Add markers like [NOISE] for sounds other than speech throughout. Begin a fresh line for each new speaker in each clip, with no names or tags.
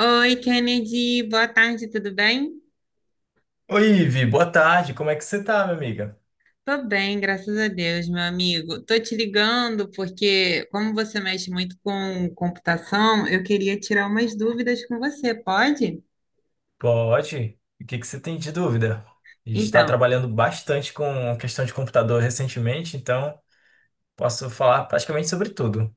Oi, Kennedy, boa tarde, tudo bem?
Oi, Ivi, boa tarde. Como é que você tá, minha amiga?
Tô bem, graças a Deus, meu amigo. Tô te ligando porque, como você mexe muito com computação, eu queria tirar umas dúvidas com você, pode?
Pode? O que que você tem de dúvida? A gente está
Então,
trabalhando bastante com questão de computador recentemente, então posso falar praticamente sobre tudo.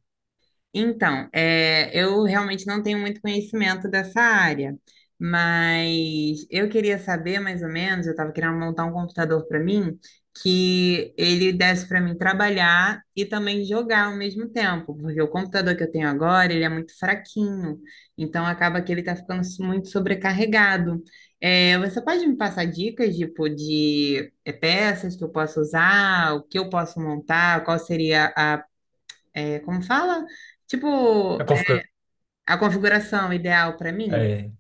Então, eu realmente não tenho muito conhecimento dessa área, mas eu queria saber mais ou menos. Eu estava querendo montar um computador para mim que ele desse para mim trabalhar e também jogar ao mesmo tempo, porque o computador que eu tenho agora ele é muito fraquinho, então acaba que ele está ficando muito sobrecarregado. Você pode me passar dicas tipo de peças que eu posso usar, o que eu posso montar, qual seria como fala?
A
Tipo, é,
configura-
a configuração ideal para mim?
É,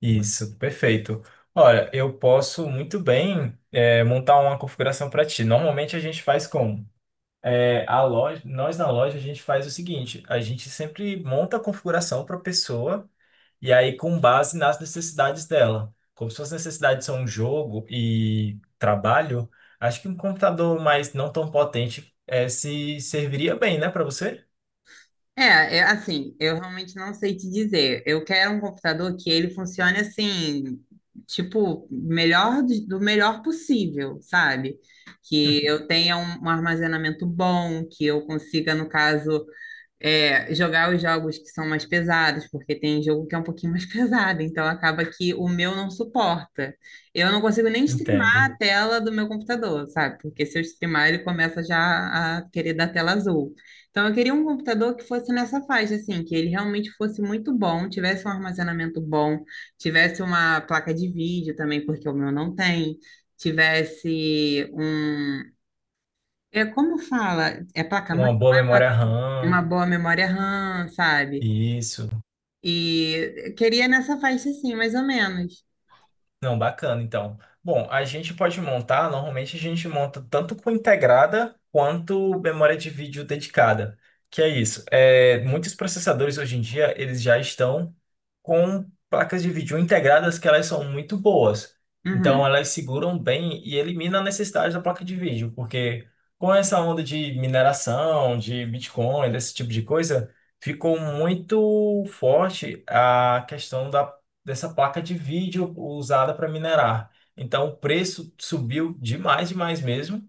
isso, perfeito. Olha, eu posso muito bem montar uma configuração para ti. Normalmente a gente faz como? Nós na loja a gente faz o seguinte: a gente sempre monta a configuração para a pessoa. E aí, com base nas necessidades dela. Como suas necessidades são jogo e trabalho, acho que um computador mais não tão potente se serviria bem, né, para você?
Assim, eu realmente não sei te dizer. Eu quero um computador que ele funcione assim, tipo, melhor do melhor possível, sabe? Que eu tenha um armazenamento bom, que eu consiga, no caso, jogar os jogos que são mais pesados, porque tem jogo que é um pouquinho mais [LAUGHS] pesado, então acaba que o meu não suporta. Eu não consigo nem streamar
Entendo.
a tela do meu computador, sabe? Porque se eu streamar, ele começa já a querer dar tela azul. Então eu queria um computador que fosse nessa faixa, assim, que ele realmente fosse muito bom, tivesse um armazenamento bom, tivesse uma placa de vídeo também, porque o meu não tem. Tivesse um. É, como fala? É placa-mãe?
Uma boa memória
Uma
RAM,
boa memória RAM, sabe?
isso.
E queria nessa faixa assim, mais ou menos.
Não, bacana, então. Bom, a gente pode montar, normalmente a gente monta tanto com integrada quanto memória de vídeo dedicada. Que é isso. Muitos processadores hoje em dia, eles já estão com placas de vídeo integradas que elas são muito boas. Então
Uhum.
elas seguram bem e elimina a necessidade da placa de vídeo, porque com essa onda de mineração, de Bitcoin, desse tipo de coisa, ficou muito forte a questão da dessa placa de vídeo usada para minerar. Então o preço subiu demais, demais mesmo.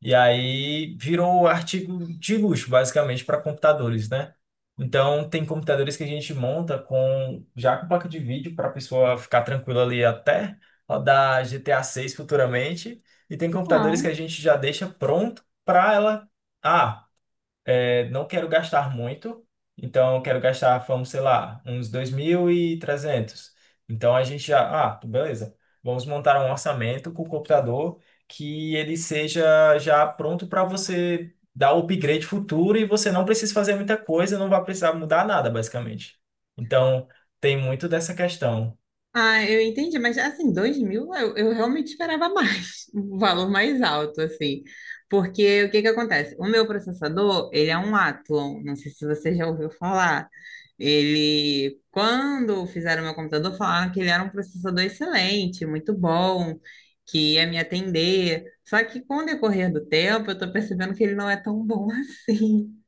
E aí virou artigo de luxo, basicamente, para computadores, né? Então tem computadores que a gente monta com já com placa de vídeo para a pessoa ficar tranquila ali até rodar GTA 6 futuramente. E tem computadores que
Legal.
a gente já deixa pronto para ela. Ah, não quero gastar muito, então eu quero gastar, vamos, sei lá, uns 2.300. Então a gente já, ah, beleza, vamos montar um orçamento com o computador que ele seja já pronto para você dar o upgrade futuro e você não precisa fazer muita coisa, não vai precisar mudar nada, basicamente. Então tem muito dessa questão.
Ah, eu entendi, mas assim, 2000 eu realmente esperava mais, [LAUGHS] um valor mais alto, assim. Porque o que que acontece? O meu processador, ele é um Athlon, não sei se você já ouviu falar. Ele, quando fizeram o meu computador, falaram que ele era um processador excelente, muito bom, que ia me atender. Só que com o decorrer do tempo, eu tô percebendo que ele não é tão bom [LAUGHS] assim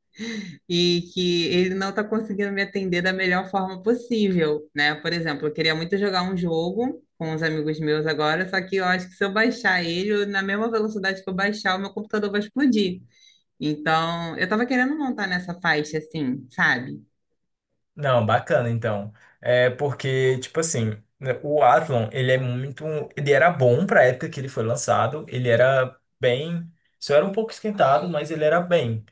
e que ele não está conseguindo me atender da melhor forma possível, né? Por exemplo, eu queria muito jogar um jogo com os amigos meus agora, só que eu acho que se eu baixar ele, na mesma velocidade que eu baixar, o meu computador vai explodir. Então, eu estava querendo montar nessa faixa, assim, sabe?
Não, bacana então. É porque, tipo assim, né, o Athlon, ele é muito. Ele era bom pra época que ele foi lançado. Ele era bem. Só era um pouco esquentado, mas ele era bem.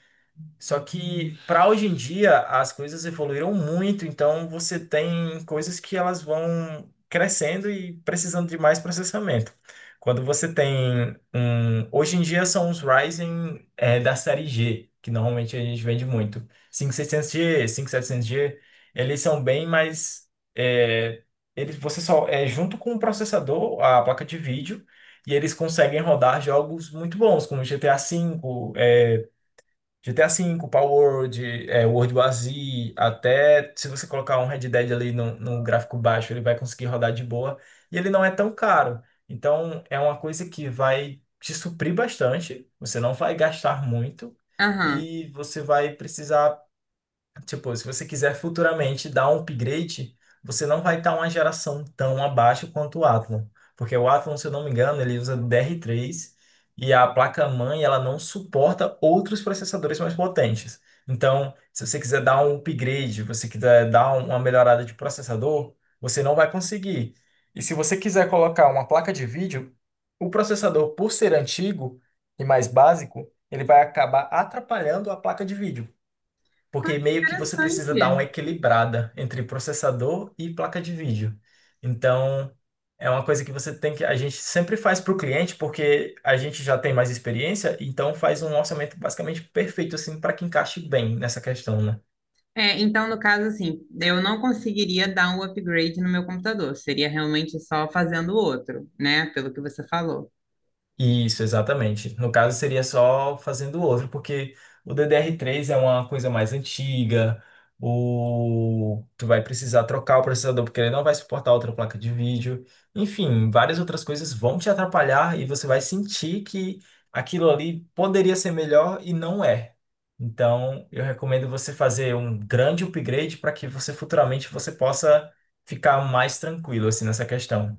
Só que para hoje em dia as coisas evoluíram muito, então você tem coisas que elas vão crescendo e precisando de mais processamento. Quando você tem um, hoje em dia são os Ryzen da série G, que normalmente a gente vende muito. 5600G, 5700G, eles são bem mais eh, eles você só é junto com o processador, a placa de vídeo, e eles conseguem rodar jogos muito bons, como GTA V, Power World, World War Z, até se você colocar um Red Dead ali no gráfico baixo, ele vai conseguir rodar de boa. E ele não é tão caro. Então, é uma coisa que vai te suprir bastante. Você não vai gastar muito.
Aham.
E você vai precisar. Tipo, se você quiser futuramente dar um upgrade, você não vai estar uma geração tão abaixo quanto o Athlon. Porque o Athlon, se eu não me engano, ele usa DR3 e a placa-mãe ela não suporta outros processadores mais potentes. Então, se você quiser dar um upgrade, você quiser dar uma melhorada de processador, você não vai conseguir. E se você quiser colocar uma placa de vídeo, o processador, por ser antigo e mais básico, ele vai acabar atrapalhando a placa de vídeo.
Ah,
Porque
que
meio que você precisa dar uma
interessante.
equilibrada entre processador e placa de vídeo. Então, é uma coisa que você tem que. A gente sempre faz para o cliente, porque a gente já tem mais experiência, então faz um orçamento basicamente perfeito, assim, para que encaixe bem nessa questão, né?
Então, no caso, assim, eu não conseguiria dar um upgrade no meu computador, seria realmente só fazendo outro, né? Pelo que você falou.
Isso, exatamente. No caso, seria só fazendo outro, porque o ddr três é uma coisa mais antiga, tu vai precisar trocar o processador, porque ele não vai suportar outra placa de vídeo. Enfim, várias outras coisas vão te atrapalhar e você vai sentir que aquilo ali poderia ser melhor e não é. Então, eu recomendo você fazer um grande upgrade para que você futuramente você possa ficar mais tranquilo assim nessa questão.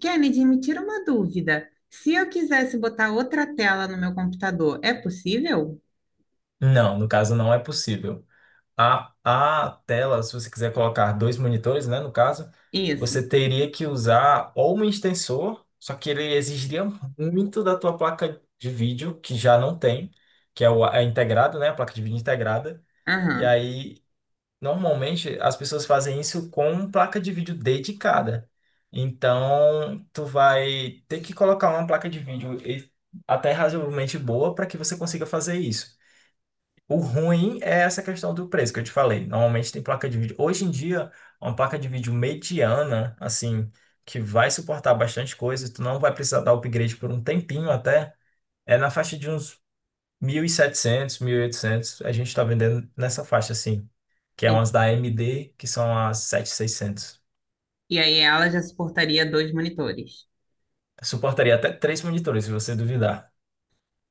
Kennedy, me tira uma dúvida. Se eu quisesse botar outra tela no meu computador, é possível?
Não, no caso não é possível. A tela, se você quiser colocar dois monitores, né, no caso,
Isso.
você teria que usar ou um extensor, só que ele exigiria muito da tua placa de vídeo, que já não tem, que é, o, é integrado, né, a placa de vídeo integrada. E
Aham.
aí, normalmente, as pessoas fazem isso com placa de vídeo dedicada. Então, tu vai ter que colocar uma placa de vídeo até razoavelmente boa para que você consiga fazer isso. O ruim é essa questão do preço que eu te falei. Normalmente tem placa de vídeo. Hoje em dia, uma placa de vídeo mediana, assim, que vai suportar bastante coisa, tu não vai precisar dar upgrade por um tempinho até, é na faixa de uns mil, 1.700, 1.800. A gente tá vendendo nessa faixa, assim, que é
E,
umas da AMD, que são as 7600.
e aí ela já suportaria dois monitores.
Suportaria até três monitores, se você duvidar.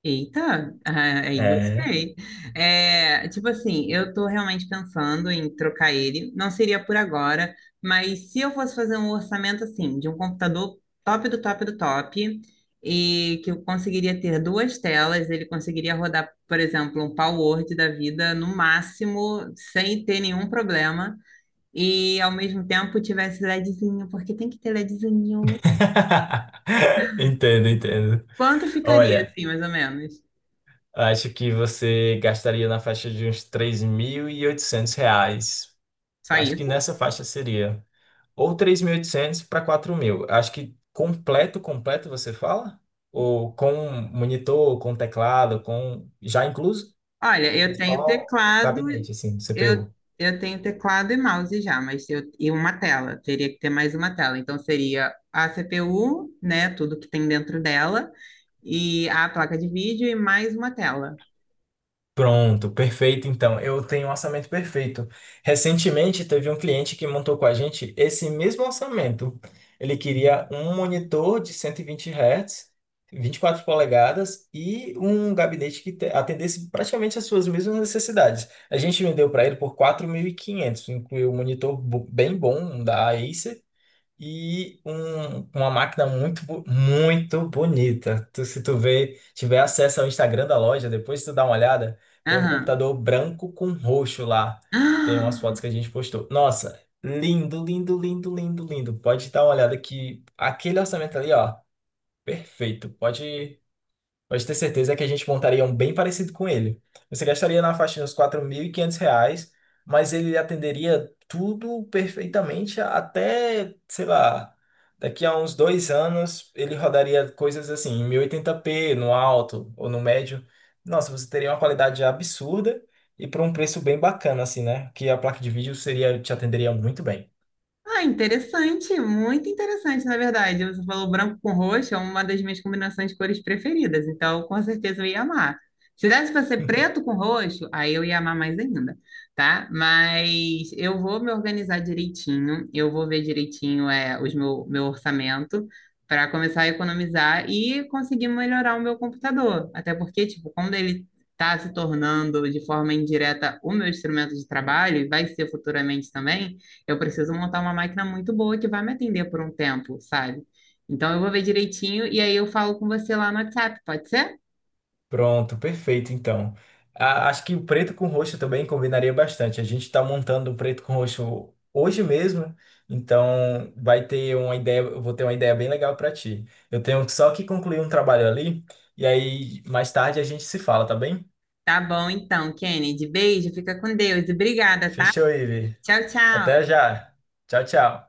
Eita, ah, aí
É.
gostei. É, tipo assim, eu tô realmente pensando em trocar ele. Não seria por agora, mas se eu fosse fazer um orçamento assim, de um computador top do top do top, e que eu conseguiria ter duas telas, ele conseguiria rodar, por exemplo, um Power Word da vida no máximo, sem ter nenhum problema, e ao mesmo tempo tivesse LEDzinho, porque tem que ter LEDzinho.
[LAUGHS] Entendo, entendo.
Quanto ficaria
Olha,
assim, mais ou menos?
acho que você gastaria na faixa de uns R$ 3.800.
Só
Acho que
isso?
nessa faixa seria. Ou 3.800 para 4.000. Acho que completo, completo você fala? Ou com monitor, com teclado, com... Já incluso?
Olha,
Ou
eu tenho
só
teclado,
gabinete, assim,
eu,
CPU?
eu tenho teclado e mouse já, e uma tela, teria que ter mais uma tela. Então seria a CPU, né, tudo que tem dentro dela, e a placa de vídeo e mais uma tela.
Pronto, perfeito. Então, eu tenho um orçamento perfeito. Recentemente, teve um cliente que montou com a gente esse mesmo orçamento. Ele queria um monitor de 120 Hz, 24 polegadas e um gabinete que atendesse praticamente as suas mesmas necessidades. A gente vendeu para ele por 4.500, incluiu um monitor bem bom, um da Acer, e uma máquina muito, muito bonita. Se tiver acesso ao Instagram da loja, depois tu dá uma olhada, tem um
Aham.
computador branco com roxo lá. Tem umas fotos que a
[GASPS]
gente postou. Nossa, lindo, lindo, lindo, lindo, lindo. Pode dar uma olhada que aquele orçamento ali, ó, perfeito. Pode. Pode ter certeza que a gente montaria um bem parecido com ele. Você gastaria na faixa de uns R$ 4.500, mas ele atenderia tudo perfeitamente até, sei lá, daqui a uns 2 anos ele rodaria coisas assim, em 1080p no alto ou no médio. Nossa, você teria uma qualidade absurda e por um preço bem bacana, assim, né? Que a placa de vídeo seria, te atenderia muito bem.
Ah, interessante, muito interessante, na verdade. Você falou branco com roxo, é uma das minhas combinações de cores preferidas, então com certeza eu ia amar. Se desse para ser preto com roxo, aí eu ia amar mais ainda, tá? Mas eu vou me organizar direitinho, eu vou ver direitinho meu orçamento para começar a economizar e conseguir melhorar o meu computador. Até porque, tipo, quando ele está se tornando de forma indireta o meu instrumento de trabalho, e vai ser futuramente também eu preciso montar uma máquina muito boa que vai me atender por um tempo, sabe? Então eu vou ver direitinho e aí eu falo com você lá no WhatsApp, pode ser?
Pronto, perfeito, então. Acho que o preto com roxo também combinaria bastante. A gente está montando o preto com roxo hoje mesmo, então vai ter uma ideia, eu vou ter uma ideia bem legal para ti. Eu tenho só que concluir um trabalho ali, e aí mais tarde a gente se fala, tá bem?
Tá bom, então, Kennedy. Beijo, fica com Deus e obrigada, tá?
Fechou, Ivi.
Tchau,
Até
tchau.
já. Tchau, tchau.